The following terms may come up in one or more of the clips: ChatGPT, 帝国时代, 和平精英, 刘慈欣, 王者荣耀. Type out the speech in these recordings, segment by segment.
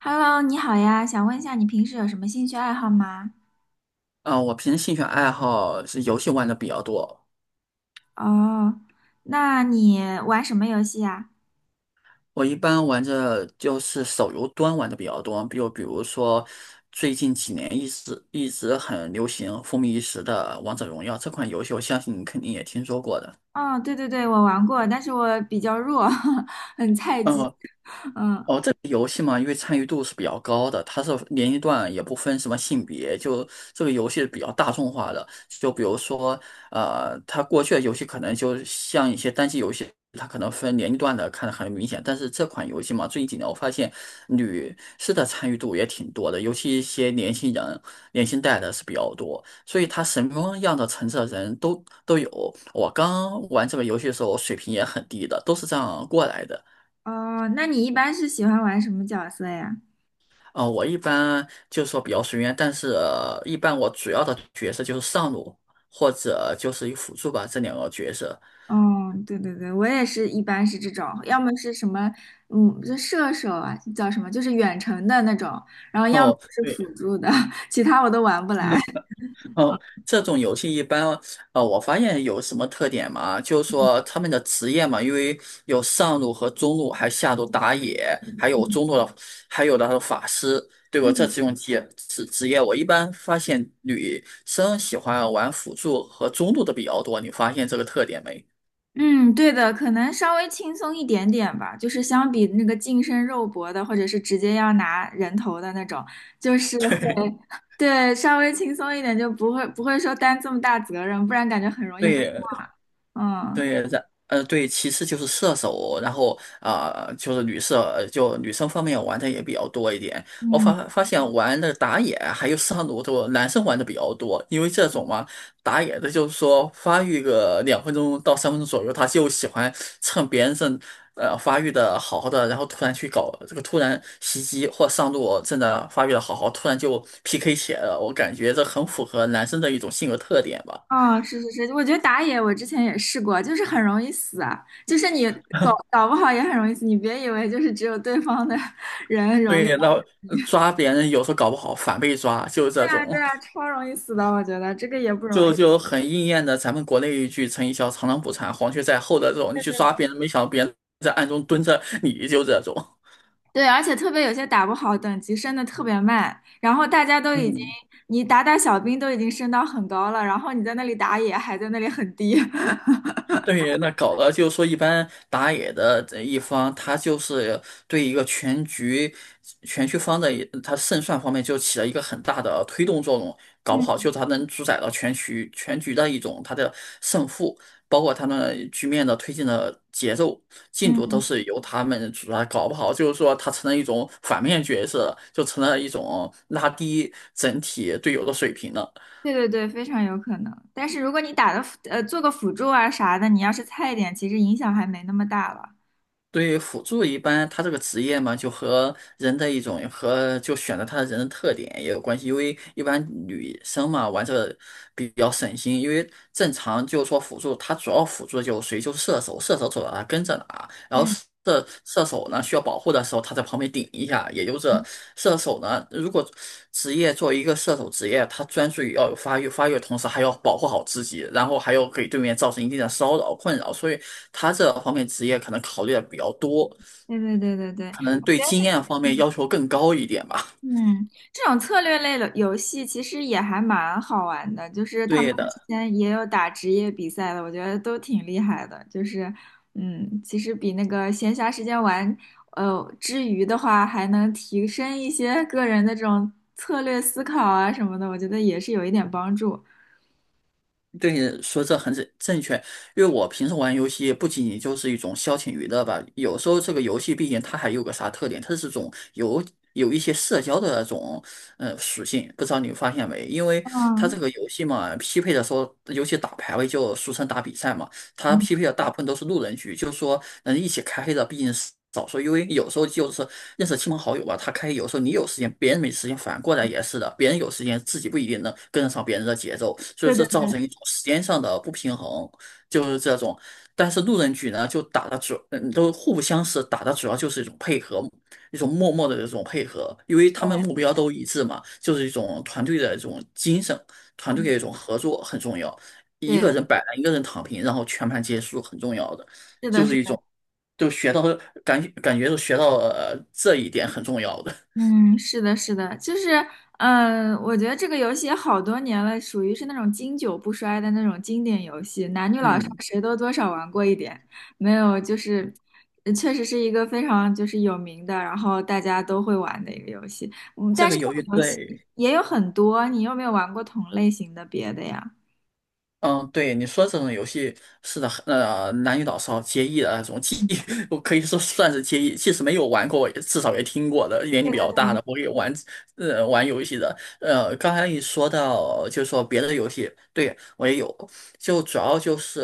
Hello，你好呀，想问一下你平时有什么兴趣爱好吗？啊，我平时兴趣爱好是游戏玩的比较多。哦，那你玩什么游戏呀？我一般玩着就是手游端玩的比较多，比如说最近几年一直很流行、风靡一时的《王者荣耀》这款游戏，我相信你肯定也听说过的。哦，对对对，我玩过，但是我比较弱，很菜鸡。嗯，哦，这个游戏嘛，因为参与度是比较高的，它是年龄段也不分什么性别，就这个游戏是比较大众化的。就比如说，它过去的游戏可能就像一些单机游戏，它可能分年龄段的看得很明显。但是这款游戏嘛，最近几年我发现女士的参与度也挺多的，尤其一些年轻人、年轻代的是比较多，所以它什么样的层次的人都有。我刚玩这个游戏的时候，我水平也很低的，都是这样过来的。哦，那你一般是喜欢玩什么角色呀？我一般就是说比较随缘，但是一般我主要的角色就是上路或者就是一辅助吧，这两个角色。哦，对对对，我也是一般是这种，要么是什么，嗯，这射手啊，叫什么，就是远程的那种，然后要么哦，是对，辅助的，其他我都玩不来。哦，这种游戏一般，我发现有什么特点嘛？就是说他们的职业嘛，因为有上路和中路，还有下路打野，还有中路的，还有的法师，对吧？这嗯几种职业，我一般发现女生喜欢玩辅助和中路的比较多，你发现这个特点没？嗯，对的，可能稍微轻松一点点吧，就是相比那个近身肉搏的，或者是直接要拿人头的那种，就是 会，对 对，稍微轻松一点，就不会说担这么大责任，不然感觉很容易被对。骂。嗯对，对，其次就是射手，然后啊、呃就是女射，呃就女生方面玩的也比较多一点。我嗯，发现玩的打野还有上路都男生玩的比较多，因为这种嘛，打野的就是说发育个2分钟到3分钟左右，他就喜欢趁别人正发育的好好的，然后突然去搞这个突然袭击或上路正在发育的好好，突然就 PK 起来了。我感觉这很符合男生的一种性格特点吧。哦，是是是，我觉得打野我之前也试过，就是很容易死啊，就是你搞不好也很容易死，你别以为就是只有对方的 人容易，对对，然后抓别人有时候搞不好反被抓，就是这啊种，对啊，超容易死的，我觉得这个也不容易。就很应验的咱们国内一句成语叫"螳螂捕蝉，黄雀在后"的这种，你去抓别人，没想到别人在暗中蹲着你，就这种。对，而且特别有些打不好，等级升的特别慢，然后大家都已经，嗯，你打小兵都已经升到很高了，然后你在那里打野还在那里很低。对，那搞得就是说，一般打野的这一方，他就是对一个全局、全局方的一他胜算方面就起了一个很大的推动作用，搞不好嗯就他能主宰了全局、全局的一种他的胜负，包括他们局面的推进的节奏、进度都嗯，是由他们主宰，搞不好就是说他成了一种反面角色，就成了一种拉低整体队友的水平了。对对对，非常有可能。但是如果你打的做个辅助啊啥的，你要是菜一点，其实影响还没那么大了。对于辅助一般，他这个职业嘛，就和人的一种和就选择他的人的特点也有关系。因为一般女生嘛，玩这个比较省心，因为正常就是说辅助，他主要辅助就谁就是射手，射手走到哪跟着哪，然后嗯，射手呢需要保护的时候，他在旁边顶一下。也就是射手呢，如果职业作为一个射手职业，他专注于要有发育，发育的同时还要保护好自己，然后还要给对面造成一定的骚扰困扰，所以他这方面职业可能考虑的比较多，对对对对对，可能我对觉得经验方面是。要求更高一点吧。嗯，这种策略类的游戏其实也还蛮好玩的，就是他们对之的。前也有打职业比赛的，我觉得都挺厉害的。就是，嗯，其实比那个闲暇时间玩，之余的话，还能提升一些个人的这种策略思考啊什么的，我觉得也是有一点帮助。对你说这很正确，因为我平时玩游戏不仅仅就是一种消遣娱乐吧，有时候这个游戏毕竟它还有个啥特点，它是种有一些社交的那种属性，不知道你发现没？因为它嗯这个游戏嘛，匹配的时候，尤其打排位就俗称打比赛嘛。他嗯，匹配的大部分都是路人局，就是说能一起开黑的毕竟是少数，因为有时候就是认识亲朋好友吧，他开黑有时候你有时间，别人没时间，反过来也是的，别人有时间，自己不一定能跟得上别人的节奏，所以对对这造对，成一种时间上的不平衡，就是这种。但是路人局呢，就打的主，嗯，都互不相识，打的主要就是一种配合，一种默默的这种配合，因为他们目标都一致嘛，就是一种团队的一种精神，团队嗯的一种合作很重要。一个对，人摆烂，一个人躺平，然后全盘皆输，很重要的，是就的，是是一的。种，就学到感觉就学到了这一点很重要的。嗯，是的，是的，就是，嗯、我觉得这个游戏也好多年了，属于是那种经久不衰的那种经典游戏，男女老少嗯，谁都多少玩过一点，没有，就是，确实是一个非常就是有名的，然后大家都会玩的一个游戏。嗯，这但是个这犹豫个游戏对，也有很多，你有没有玩过同类型的别的呀？嗯，对，你说这种游戏是的，男女老少皆宜的那种，嗯 我可以说算是皆宜，即使没有玩过，也至少也听过的。年龄对比对较大对，的，我也玩，玩游戏的。刚才你说到，就是说别的游戏，对，我也有，就主要就是，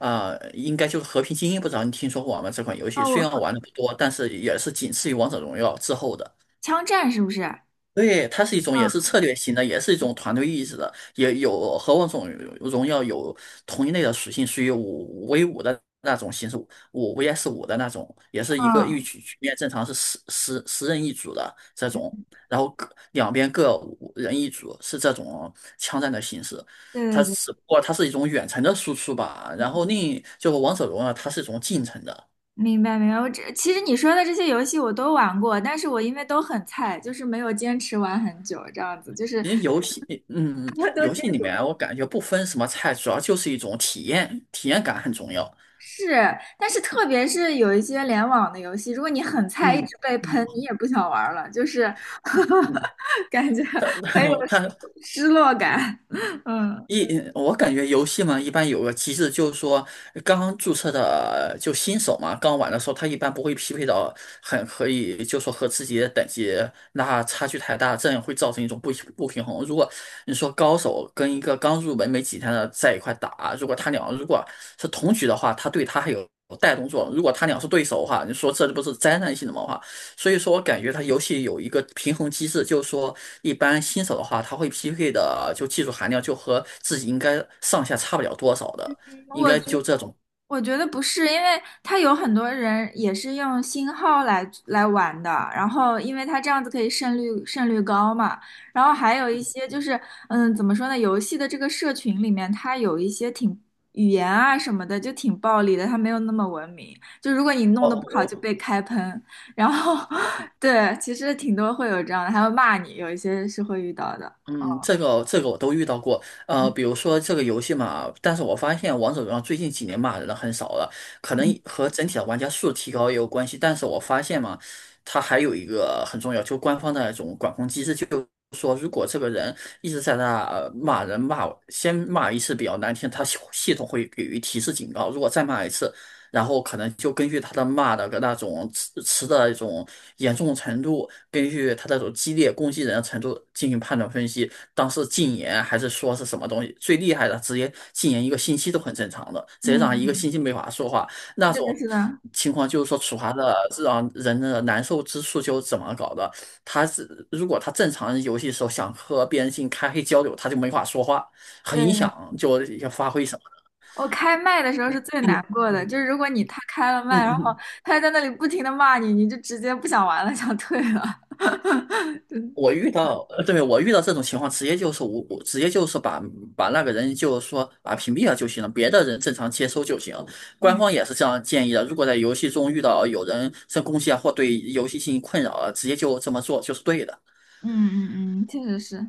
应该就是《和平精英》，不知道你听说过吗？这款游哦，戏我虽然好，玩的不多，但是也是仅次于《王者荣耀》之后的。枪战是不是？嗯对，它是一种也是策略型的，也是一种团队意识的，也有和王者荣耀有同一类的属性，属于5v5的那种形式，5vs5的那种，也是一嗯，局局面正常是十人一组的这种，然后各两边各五人一组，是这种枪战的形式。对它对只对。不过它是一种远程的输出吧，然后另一就是王者荣耀它是一种近程的，明白明白，我这其实你说的这些游戏我都玩过，但是我因为都很菜，就是没有坚持玩很久这样子，就是 因为游戏，嗯，嗯我都游坚戏里面我感觉不分什么菜，主要就是一种体验，体验感很重要。是，但是特别是有一些联网的游戏，如果你很菜，一直嗯被喷，你嗯也不想玩了，就是 嗯，感觉它 很有 他。失落感。嗯，我感觉游戏嘛，一般有个机制，就是说刚刚注册的就新手嘛，刚玩的时候，他一般不会匹配到很可以，就说和自己的等级那差距太大，这样会造成一种不平衡。如果你说高手跟一个刚入门没几天的在一块打，如果他俩如果是同局的话，他对他还有带动作；如果他俩是对手的话，你说这不是灾难性的嘛话，所以说，我感觉它游戏有一个平衡机制，就是说，一般新手的话，他会匹配的就技术含量就和自己应该上下差不了多少的，应我该觉就这种。我觉得不是，因为他有很多人也是用新号来玩的，然后因为他这样子可以胜率高嘛，然后还有一些就是，嗯，怎么说呢，游戏的这个社群里面，它有一些挺语言啊什么的就挺暴力的，它没有那么文明，就如果你弄得不好就哦被开喷，然后 对，其实挺多会有这样的，还会骂你，有一些是会遇到的。哦，嗯，这个我都遇到过，嗯，比如说这个游戏嘛，但是我发现王者荣耀最近几年骂人的很少了，可能和整体的玩家数提高也有关系，但是我发现嘛，它还有一个很重要，就官方的那种管控机制，就是说如果这个人一直在那骂人骂，先骂一次比较难听，他系统会给予提示警告，如果再骂一次，然后可能就根据他的骂的那种词的一种严重程度，根据他那种激烈攻击人的程度进行判断分析，当时禁言还是说是什么东西，最厉害的直接禁言一个星期都很正常的，直接让一个星嗯，期没法说话，那是的，种是的，情况就是说处罚的是让人的难受之处就是怎么搞的，他是如果他正常游戏的时候想和别人进行开黑交流，他就没法说话，很影对。响就发挥什么，我开麦的时候是最难过的，就是如果你他开了嗯麦，然后嗯。他在那里不停的骂你，你就直接不想玩了，想退了。就我遇到，对，我遇到这种情况，直接就是无，我直接就是把那个人就是说把屏蔽了就行了，别的人正常接收就行，官嗯，方也是这样建议的，如果在游戏中遇到有人在攻击啊，或对游戏进行困扰啊，直接就这么做就是对的。嗯嗯嗯，确实是。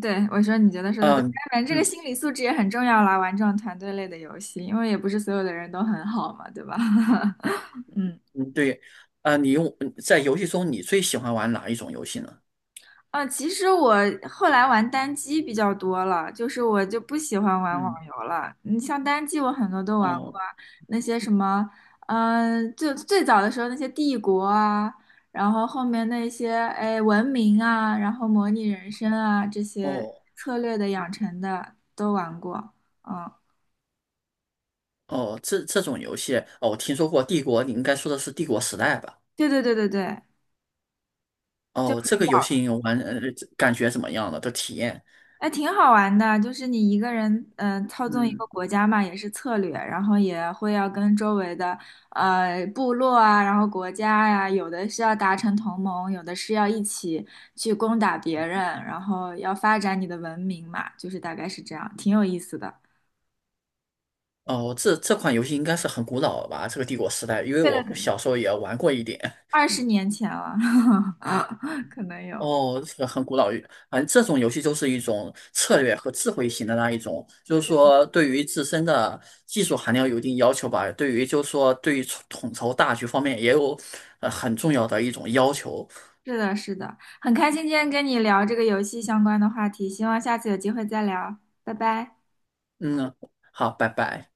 对，我说你觉得说的对，当嗯然这个嗯心理素质也很重要啦，玩这种团队类的游戏，因为也不是所有的人都很好嘛，对吧？嗯。嗯，对，啊，在游戏中你最喜欢玩哪一种游戏呢？嗯，其实我后来玩单机比较多了，就是我就不喜欢玩网嗯，游了。你像单机，我很多都玩过哦啊，那些什么，嗯、就最早的时候那些帝国啊，然后后面那些哎文明啊，然后模拟人生啊这些哦策略的养成的都玩过。嗯，哦，这种游戏，哦，我听说过《帝国》，你应该说的是《帝国时代》吧？对对对对对，就哦，这很个游早戏你玩，感觉怎么样了？的体验？哎，挺好玩的，就是你一个人，嗯、操纵一个嗯，国家嘛，也是策略，然后也会要跟周围的部落啊，然后国家呀、有的是要达成同盟，有的是要一起去攻打别人，然后要发展你的文明嘛，就是大概是这样，挺有意思的。哦，这款游戏应该是很古老了吧？这个帝国时代，因为对的，我很小时候也玩过一点。20年前了，可能有。哦，这个很古老，反正这种游戏就是一种策略和智慧型的那一种，就是说对于自身的技术含量有一定要求吧，对于就是说对于统筹大局方面也有很重要的一种要求。是的，是的，很开心今天跟你聊这个游戏相关的话题，希望下次有机会再聊，拜拜。嗯，好，拜拜。